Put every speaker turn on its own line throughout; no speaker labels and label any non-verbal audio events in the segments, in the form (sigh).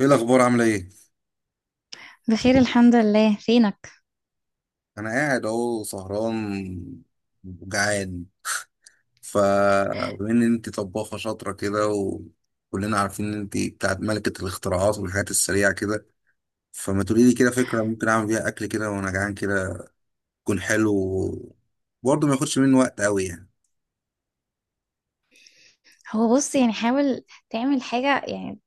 ايه الاخبار؟ عامله ايه؟
بخير، الحمد لله. فينك؟
انا قاعد اهو سهران وجعان. فبما ان انت طباخه شاطره كده، وكلنا عارفين ان انت بتاعت ملكه الاختراعات والحاجات السريعه كده، فما تقولي لي كده فكره ممكن اعمل بيها اكل كده وانا جعان كده، يكون حلو، برضه ما ياخدش مني وقت قوي يعني.
هو بص، يعني حاول تعمل حاجة يعني.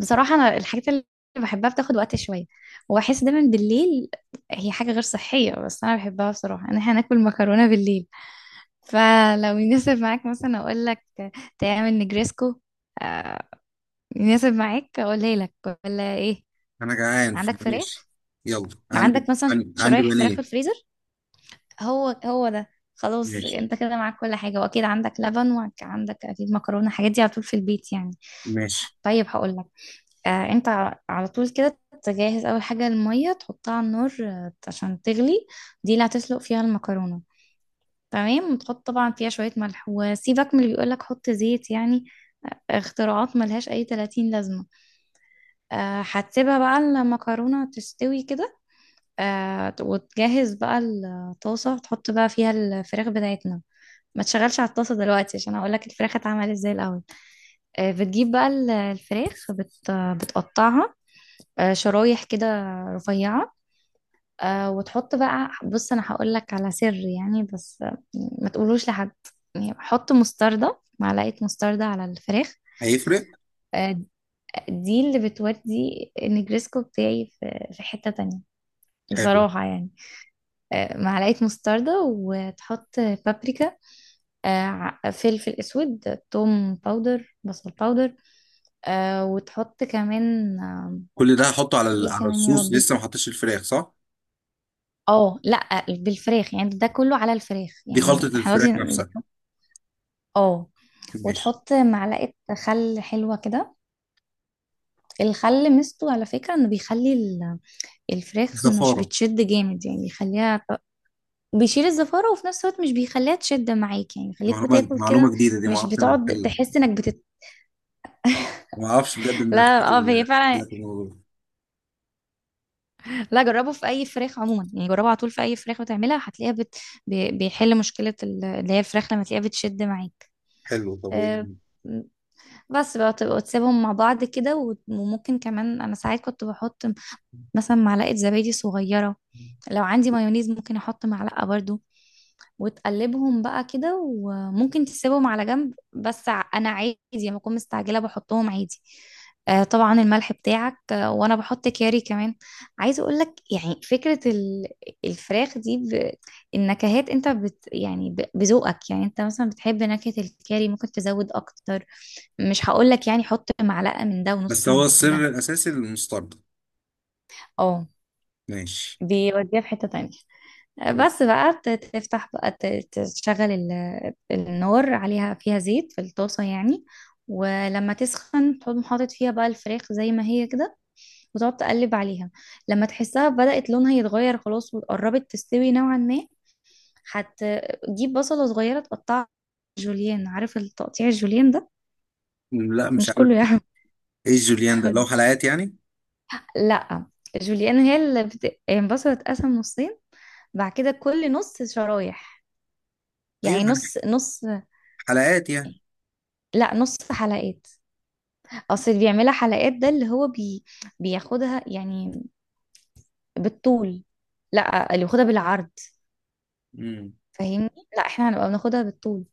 بصراحة أنا الحاجات اللي بحبها بتاخد وقت شوية، وأحس دايما بالليل هي حاجة غير صحية بس أنا بحبها بصراحة، إن إحنا ناكل مكرونة بالليل. فلو يناسب معاك مثلا أقول لك تعمل نجريسكو. آه، يناسب معاك أقولها لك ولا إيه؟
انا جعان
عندك
فماشي.
فراخ؟
يلا عندي.
عندك مثلا
عندي
شرايح فراخ في
بانيه.
الفريزر؟ هو ده. خلاص
ماشي.
انت كده معاك كل حاجة، واكيد عندك لبن. وعندك اكيد مكرونة، الحاجات دي على طول في البيت يعني.
ماشي.
طيب هقول لك. انت على طول كده تجهز اول حاجه الميه، تحطها على النار، عشان تغلي. دي اللي هتسلق فيها المكرونه. تمام، وتحط طبعا فيها شويه ملح، وسيبك من اللي بيقولك حط زيت يعني، اختراعات ملهاش اي 30 لازمه. آه هتسيبها بقى المكرونه تستوي كده. آه وتجهز بقى الطاسه، تحط بقى فيها الفراخ بتاعتنا. ما تشغلش على الطاسه دلوقتي، عشان هقولك الفراخ اتعمل ازاي الاول. بتجيب بقى الفراخ، بتقطعها شرايح كده رفيعة. وتحط بقى، بص أنا هقول لك على سر يعني، بس ما تقولوش لحد. يعني حط مستردة، معلقة مستردة على الفراخ.
هيفرق؟
آه، دي اللي بتودي النجريسكو بتاعي في حتة تانية
حلو.
بصراحة يعني. معلقة مستردة، وتحط بابريكا، فلفل أسود، توم باودر، بصل باودر، وتحط كمان
كل ده هحطه على ال-
ايه
على
كمان يا
الصوص؟
ربي.
لسه ما حطيتش الفراخ صح؟
اه لا، بالفراخ يعني، ده كله على الفراخ
دي خلطه
يعني، احنا
الفراخ
دلوقتي
نفسها.
اه،
ماشي.
وتحط معلقة خل حلوة كده. الخل ميزته على فكرة انه بيخلي الفراخ مش
زفارة.
بتشد جامد، يعني بيخليها، بيشيل الزفارة، وفي نفس الوقت مش بيخليها تشد معاك، يعني بيخليك
معلومة،
بتاكل
معلومة
كده،
جديدة دي، ما
مش
اعرفش من
بتقعد
الحل.
تحس انك
ما اعرفش بجد
(laughs)
ان
لا اه، هي
الخيل
فعلا.
في الموضوع.
لا جربه في اي فراخ عموما يعني، جربه على طول في اي فراخ بتعملها هتلاقيها بيحل مشكلة اللي هي الفراخ لما تلاقيها بتشد معاك.
حلو، طب وايه؟
آه، بس بقى تبقى تسيبهم مع بعض كده، وممكن كمان انا ساعات كنت بحط مثلا معلقة زبادي صغيرة، لو عندي مايونيز ممكن احط معلقة برضو، وتقلبهم بقى كده، وممكن تسيبهم على جنب، بس انا عادي لما اكون مستعجله بحطهم عادي. آه طبعا الملح بتاعك، آه وانا بحط كاري كمان. عايزه اقول لك يعني فكره الفراخ دي النكهات انت بذوقك يعني، انت مثلا بتحب نكهه الكاري ممكن تزود اكتر، مش هقول لك يعني حط معلقه من ده
بس
ونص
هو
من ده.
السر الاساسي المستردة.
اه
ماشي.
بيوديها في حته تانية.
طب،
بس بقى تفتح بقى، تشغل النار عليها فيها زيت في الطاسة يعني. ولما تسخن تقوم حاطط فيها بقى الفراخ زي ما هي كده، وتقعد تقلب عليها، لما تحسها بدأت لونها يتغير خلاص، وقربت تستوي نوعا ما، هتجيب بصلة صغيرة تقطعها جوليان. عارف التقطيع الجوليان ده؟
لا مش
مش
عارف.
كله يعرف.
ايه جوليان ده؟ لو
(laughs)
حلقات يعني.
لا، جوليان هي يعني البصلة تتقسم نصين، بعد كده كل نص شرايح،
ايوه
يعني
يعني،
نص نص.
حلقات يعني.
لا، نص حلقات. اصل اللي بيعملها حلقات ده اللي بياخدها يعني بالطول. لا، اللي بياخدها بالعرض.
مم.
فاهمني؟ لا احنا هنبقى بناخدها بالطول،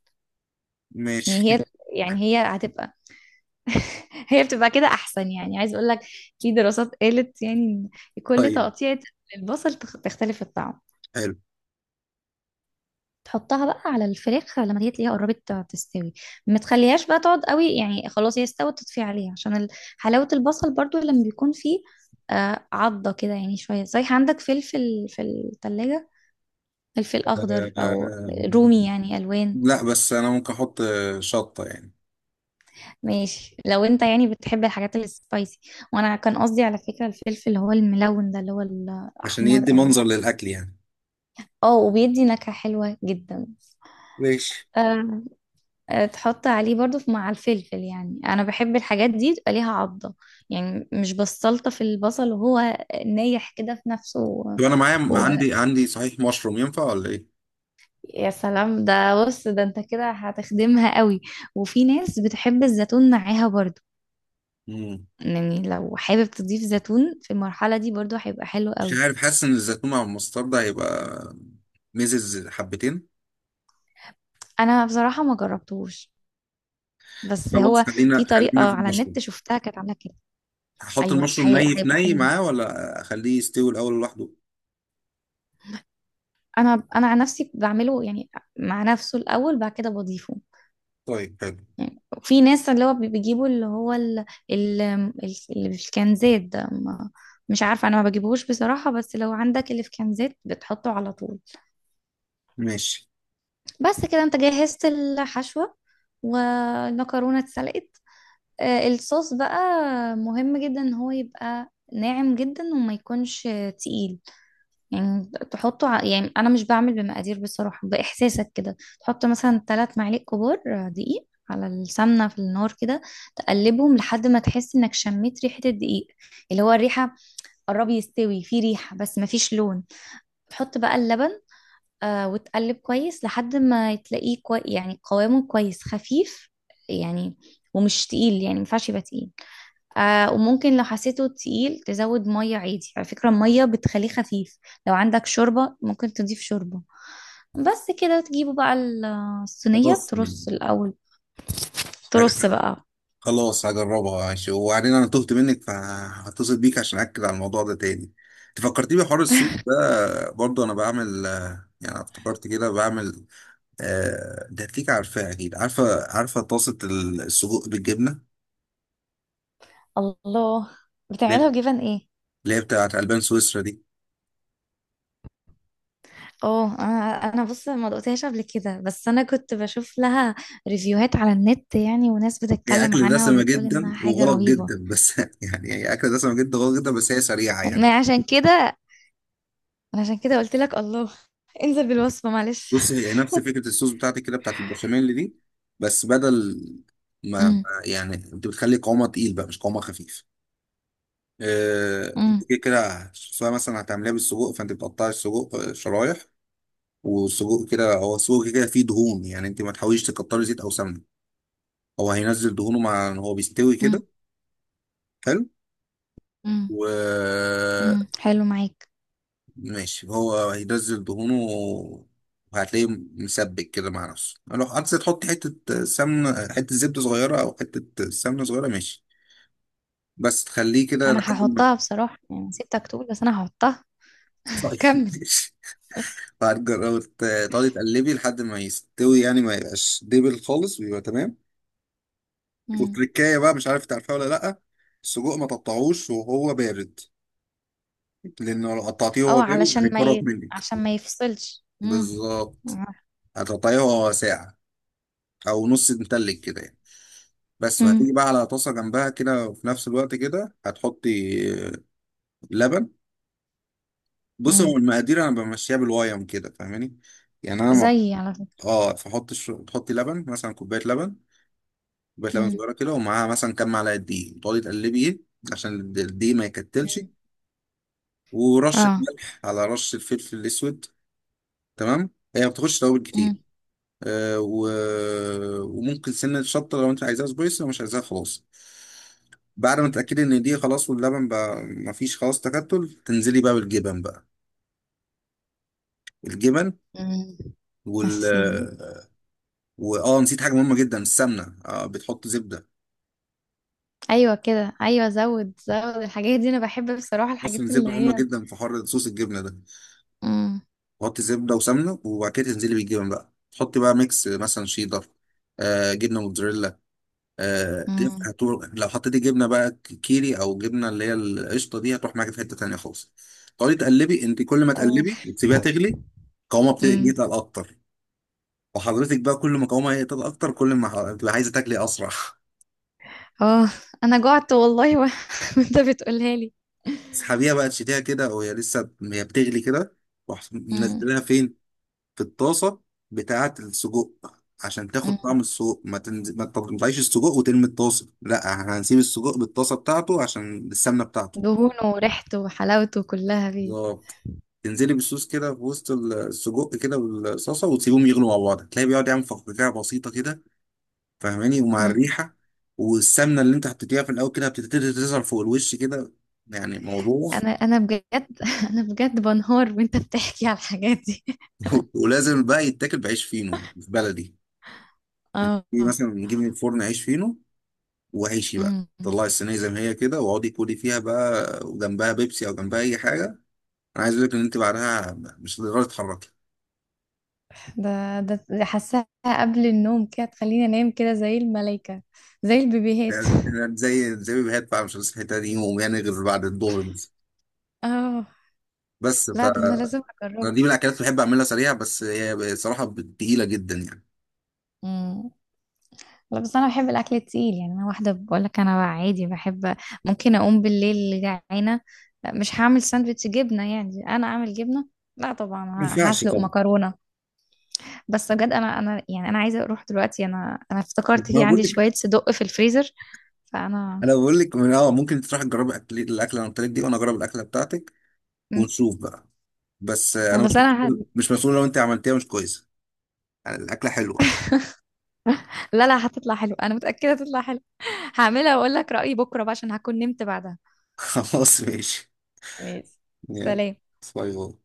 يعني
ماشي.
هي يعني هي هتبقى (laughs) هي بتبقى كده احسن، يعني عايز اقول لك في دراسات قالت يعني ان
(laughs)
كل
طيب.
تقطيع البصل تختلف الطعم.
حلو.
تحطها بقى على الفراخ لما دي تلاقيها قربت تستوي. ما تخليهاش بقى تقعد قوي يعني، خلاص هي استوت، تطفي عليها عشان حلاوة البصل برضو لما بيكون فيه عضة كده، يعني شوية. صحيح عندك فلفل في التلاجة؟ فلفل
آه، آه،
أخضر
آه،
أو رومي،
آه،
يعني ألوان.
لا بس انا ممكن احط شطة يعني،
ماشي، لو أنت يعني بتحب الحاجات السبايسي. وأنا كان قصدي على فكرة الفلفل اللي هو الملون ده، اللي هو
عشان
الأحمر
يدي
أو،
منظر للاكل يعني.
اه وبيدي نكهة حلوة جدا.
ماشي.
آه، تحط عليه برضو مع الفلفل يعني، انا بحب الحاجات دي تبقى ليها عضة، يعني مش بستلطف في البصل وهو نايح كده في نفسه
طب انا معايا،
و...
عندي صحيح مشروم، ينفع ولا؟
يا سلام، ده بص ده انت كده هتخدمها قوي. وفي ناس بتحب الزيتون معاها برضو،
ايه؟
يعني لو حابب تضيف زيتون في المرحلة دي برضو هيبقى حلو
مش
قوي.
عارف، حاسس ان الزيتون مع المسترد هيبقى ميزز حبتين.
انا بصراحة ما جربتهوش، بس
خلاص،
هو
خلينا
في طريقة
خلينا في
على النت
المشروم.
شفتها كانت عاملة كده.
هحط
ايوه
المشروم ني في
هيبقى
ني
حلو جدا.
معاه، ولا اخليه يستوي الاول لوحده؟
انا عن نفسي بعمله يعني مع نفسه الاول، بعد كده بضيفه.
طيب حلو.
يعني في ناس اللي بيجيبوا اللي هو ال... ال- اللي في الكنزات ده، ما... مش عارفه انا ما بجيبهوش بصراحه، بس لو عندك اللي في كنزات بتحطه على طول.
ماشي.
بس كده انت جهزت الحشوه، والمكرونه اتسلقت. الصوص بقى مهم جدا، ان هو يبقى ناعم جدا وما يكونش تقيل، يعني تحطه يعني انا مش بعمل بمقادير بصراحة، باحساسك كده تحط مثلا 3 معالق كبار دقيق على السمنة في النار كده، تقلبهم لحد ما تحس انك شميت ريحة الدقيق، اللي هو الريحة قرب يستوي، في ريحة بس مفيش لون. تحط بقى اللبن، آه وتقلب كويس لحد ما تلاقيه كوي، يعني قوامه كويس خفيف يعني، ومش تقيل، يعني مينفعش يبقى تقيل. آه وممكن لو حسيته تقيل تزود مية، عادي على فكرة المية بتخليه خفيف. لو عندك شوربة ممكن تضيف شوربة. بس كده تجيبوا بقى الصينية
خلاص
ترص الأول، ترص
هج-
بقى.
خلاص هجربها ماشي، وبعدين انا تهت منك فهتصل بيك عشان اكد على الموضوع ده تاني. انت فكرتني بحوار الصوص ده، برضه انا بعمل يعني افتكرت كده، بعمل ده هتليك، عارفاه اكيد؟ عارفه، عارفه طاسه السجق بالجبنه؟
الله، بتعملها بجبن ايه؟
اللي هي بتاعت ألبان سويسرا دي.
اه، انا بص ما دقتهاش قبل كده، بس انا كنت بشوف لها ريفيوهات على النت يعني، وناس
هي
بتتكلم
أكل
عنها
دسمة
وبتقول
جدا
انها حاجة
وغلط
رهيبة.
جدا بس، (laughs) يعني هي أكل دسمة جدا وغلط جدا، بس هي سريعة يعني.
ما عشان كده، أنا عشان كده قلت لك الله. (laughs) انزل بالوصفة معلش.
بص، هي نفس فكرة الصوص بتاعتك كده، بتاعت البشاميل دي، بس بدل ما ما- يعني أنت بتخلي قوامها تقيل بقى، مش قوامها خفيف. أنت
امم.
كده كده سواء مثلا هتعمليها بالسجق، فأنت بتقطعي السجق شرايح. والسجق كده، هو السجق كده كده فيه دهون، يعني أنت ما تحاوليش تكتري زيت أو سمنة. هو هينزل دهونه، مع إن هو بيستوي كده. حلو.
امم. امم،
و
حلو معاك.
ماشي، هو هينزل دهونه، وهتلاقيه مسبك كده مع نفسه. لو عايز تحط حتة سمنة، حتة زبدة صغيرة أو حتة سمنة صغيرة، ماشي. بس تخليه كده
انا
لحد ما.
هحطها بصراحة يعني، سيبتك تقول بس انا هحطها.
طيب
(laughs)
(laughs)
كمل.
ماشي. وهتجربي تقعدي تقلبي لحد ما يستوي، يعني ما يبقاش دبل خالص ويبقى تمام.
امم.
والتركاية بقى مش عارف تعرفها ولا لأ. السجق ما تقطعوش وهو بارد، لأنه لو قطعتيه وهو
اه
بارد
علشان ما
هيتفرط
ي...
منك.
عشان ما يفصلش. امم.
بالظبط. هتقطعيه وهو ساقع، أو نص متلج كده يعني. بس
امم.
وهتيجي بقى على طاسة جنبها كده، وفي نفس الوقت كده هتحطي لبن. بص، هو
امم،
المقادير انا بمشيها بالوايم كده، فاهماني؟ يعني انا ما
زي على فكرة.
اه، تحطي لبن مثلا، كوباية لبن، كوباية لبن
امم.
صغيرة كده، ومعاها مثلا كام معلقة دقيق، وتقعدي تقلبيه عشان الدقيق ما يكتلش.
امم.
ورشة
اه.
ملح على رشة فلفل اسود. تمام. هي ما بتاخدش توابل كتير.
امم.
آه، و... وممكن سنة شطة لو انت عايزاها سبايسي، لو مش عايزاها خلاص. بعد ما تتأكدي ان دي خلاص، واللبن بقى مفيش خلاص تكتل، تنزلي بقى بالجبن بقى، الجبن
امم، يا
وال،
سيدي.
واه نسيت حاجة مهمة جدا، السمنة، بتحط زبدة.
ايوه كده، ايوه، زود زود، الحاجات دي انا بحب بصراحة،
اصلا
الحاجات اللي
الزبدة مهمة
هي
جدا في حر صوص الجبنة ده.
امم.
تحطي زبدة وسمنة، وبعد كده تنزلي بالجبن بقى، تحطي بقى ميكس، مثلا شيدر، آه جبنة موتزاريلا. آه، تنفع،
امم.
لو حطيتي جبنه بقى كيري، او جبنه اللي هي القشطه دي، هتروح معاكي في حته تانيه خالص. تقعدي تقلبي، انت كل ما
اه.
تقلبي وتسيبيها تغلي، قوامها بتبتدي
امم.
يتقل اكتر. وحضرتك بقى كل ما قوامها يتقل اكتر، كل ما هتبقى عايزه تاكلي اسرع.
اه، انا جعت والله (laughs) وانت بتقولها لي.
(laughs) تسحبيها بقى، تشيليها كده وهي لسه هي بتغلي كده. تروح منزلها فين؟ في الطاسه بتاعه السجق، عشان تاخد طعم
امم،
السجق. ما تنزل، ما تطلعيش السجق وترمي الطاسه، لا احنا هنسيب السجق بالطاسه بتاعته عشان السمنه بتاعته.
دهونه وريحته وحلاوته كلها فيه.
بالظبط. تنزلي بالصوص كده في وسط السجق كده والصلصه، وتسيبهم يغلوا مع بعض، تلاقي بيقعد يعمل فقاقيع بسيطه كده، فاهماني؟ ومع
مم.
الريحه والسمنه اللي انت حطيتيها في الاول كده، بتبتدي تظهر فوق الوش كده. يعني موضوع.
انا بجد (laughs) انا بجد بنهار وانت بتحكي على الحاجات دي.
(laughs) ولازم بقى يتاكل بعيش فينو في بلدي. انت
اه.
مثلا نجيب من الفرن عيش فينو، وعيشي بقى
مم.
طلعي الصينيه زي ما هي كده، واقعدي كلي فيها بقى، وجنبها بيبسي او جنبها اي حاجه. انا عايز اقول لك ان انت بعدها مش هتقدري تتحركي.
ده حاساها قبل النوم كده، تخليني انام كده زي الملايكة، زي البيبيهات.
يعني زي ما بيهات بقى، مش هنسى الحته دي يوم يعني، غير بعد الظهر بس.
اه
بس ف،
لا، ده انا لازم
أنا
اجربه.
دي من الاكلات اللي بحب اعملها سريعه، بس هي بصراحه تقيله جدا يعني.
مم. لا بس انا بحب الاكل التقيل، يعني انا واحده بقول لك انا عادي بحب ممكن اقوم بالليل جعانه. لا، مش هعمل ساندوتش جبنه، يعني انا اعمل جبنه؟ لا طبعا.
ما ينفعش
هسلق
طبعا.
مكرونه. بس بجد انا يعني انا عايزه اروح دلوقتي، انا افتكرت
ما
في
بقول
عندي
لك،
شويه صدق في الفريزر فانا.
انا بقول لك من اه، ممكن تروح تجرب اكل الاكله اللي أنا قلت لك دي، وانا اجرب الاكله بتاعتك،
مم.
ونشوف بقى. بس
انا
انا
بس
مش مسؤول مش مسؤول لو انت عملتيها مش كويسه، يعني الاكله حلوه.
لا لا هتطلع حلو، انا متاكده هتطلع حلو. (laughs) هعملها واقول لك رايي بكره بقى عشان هكون نمت بعدها.
(laughs) خلاص ماشي.
ماشي.
يلا،
سلام.
باي باي.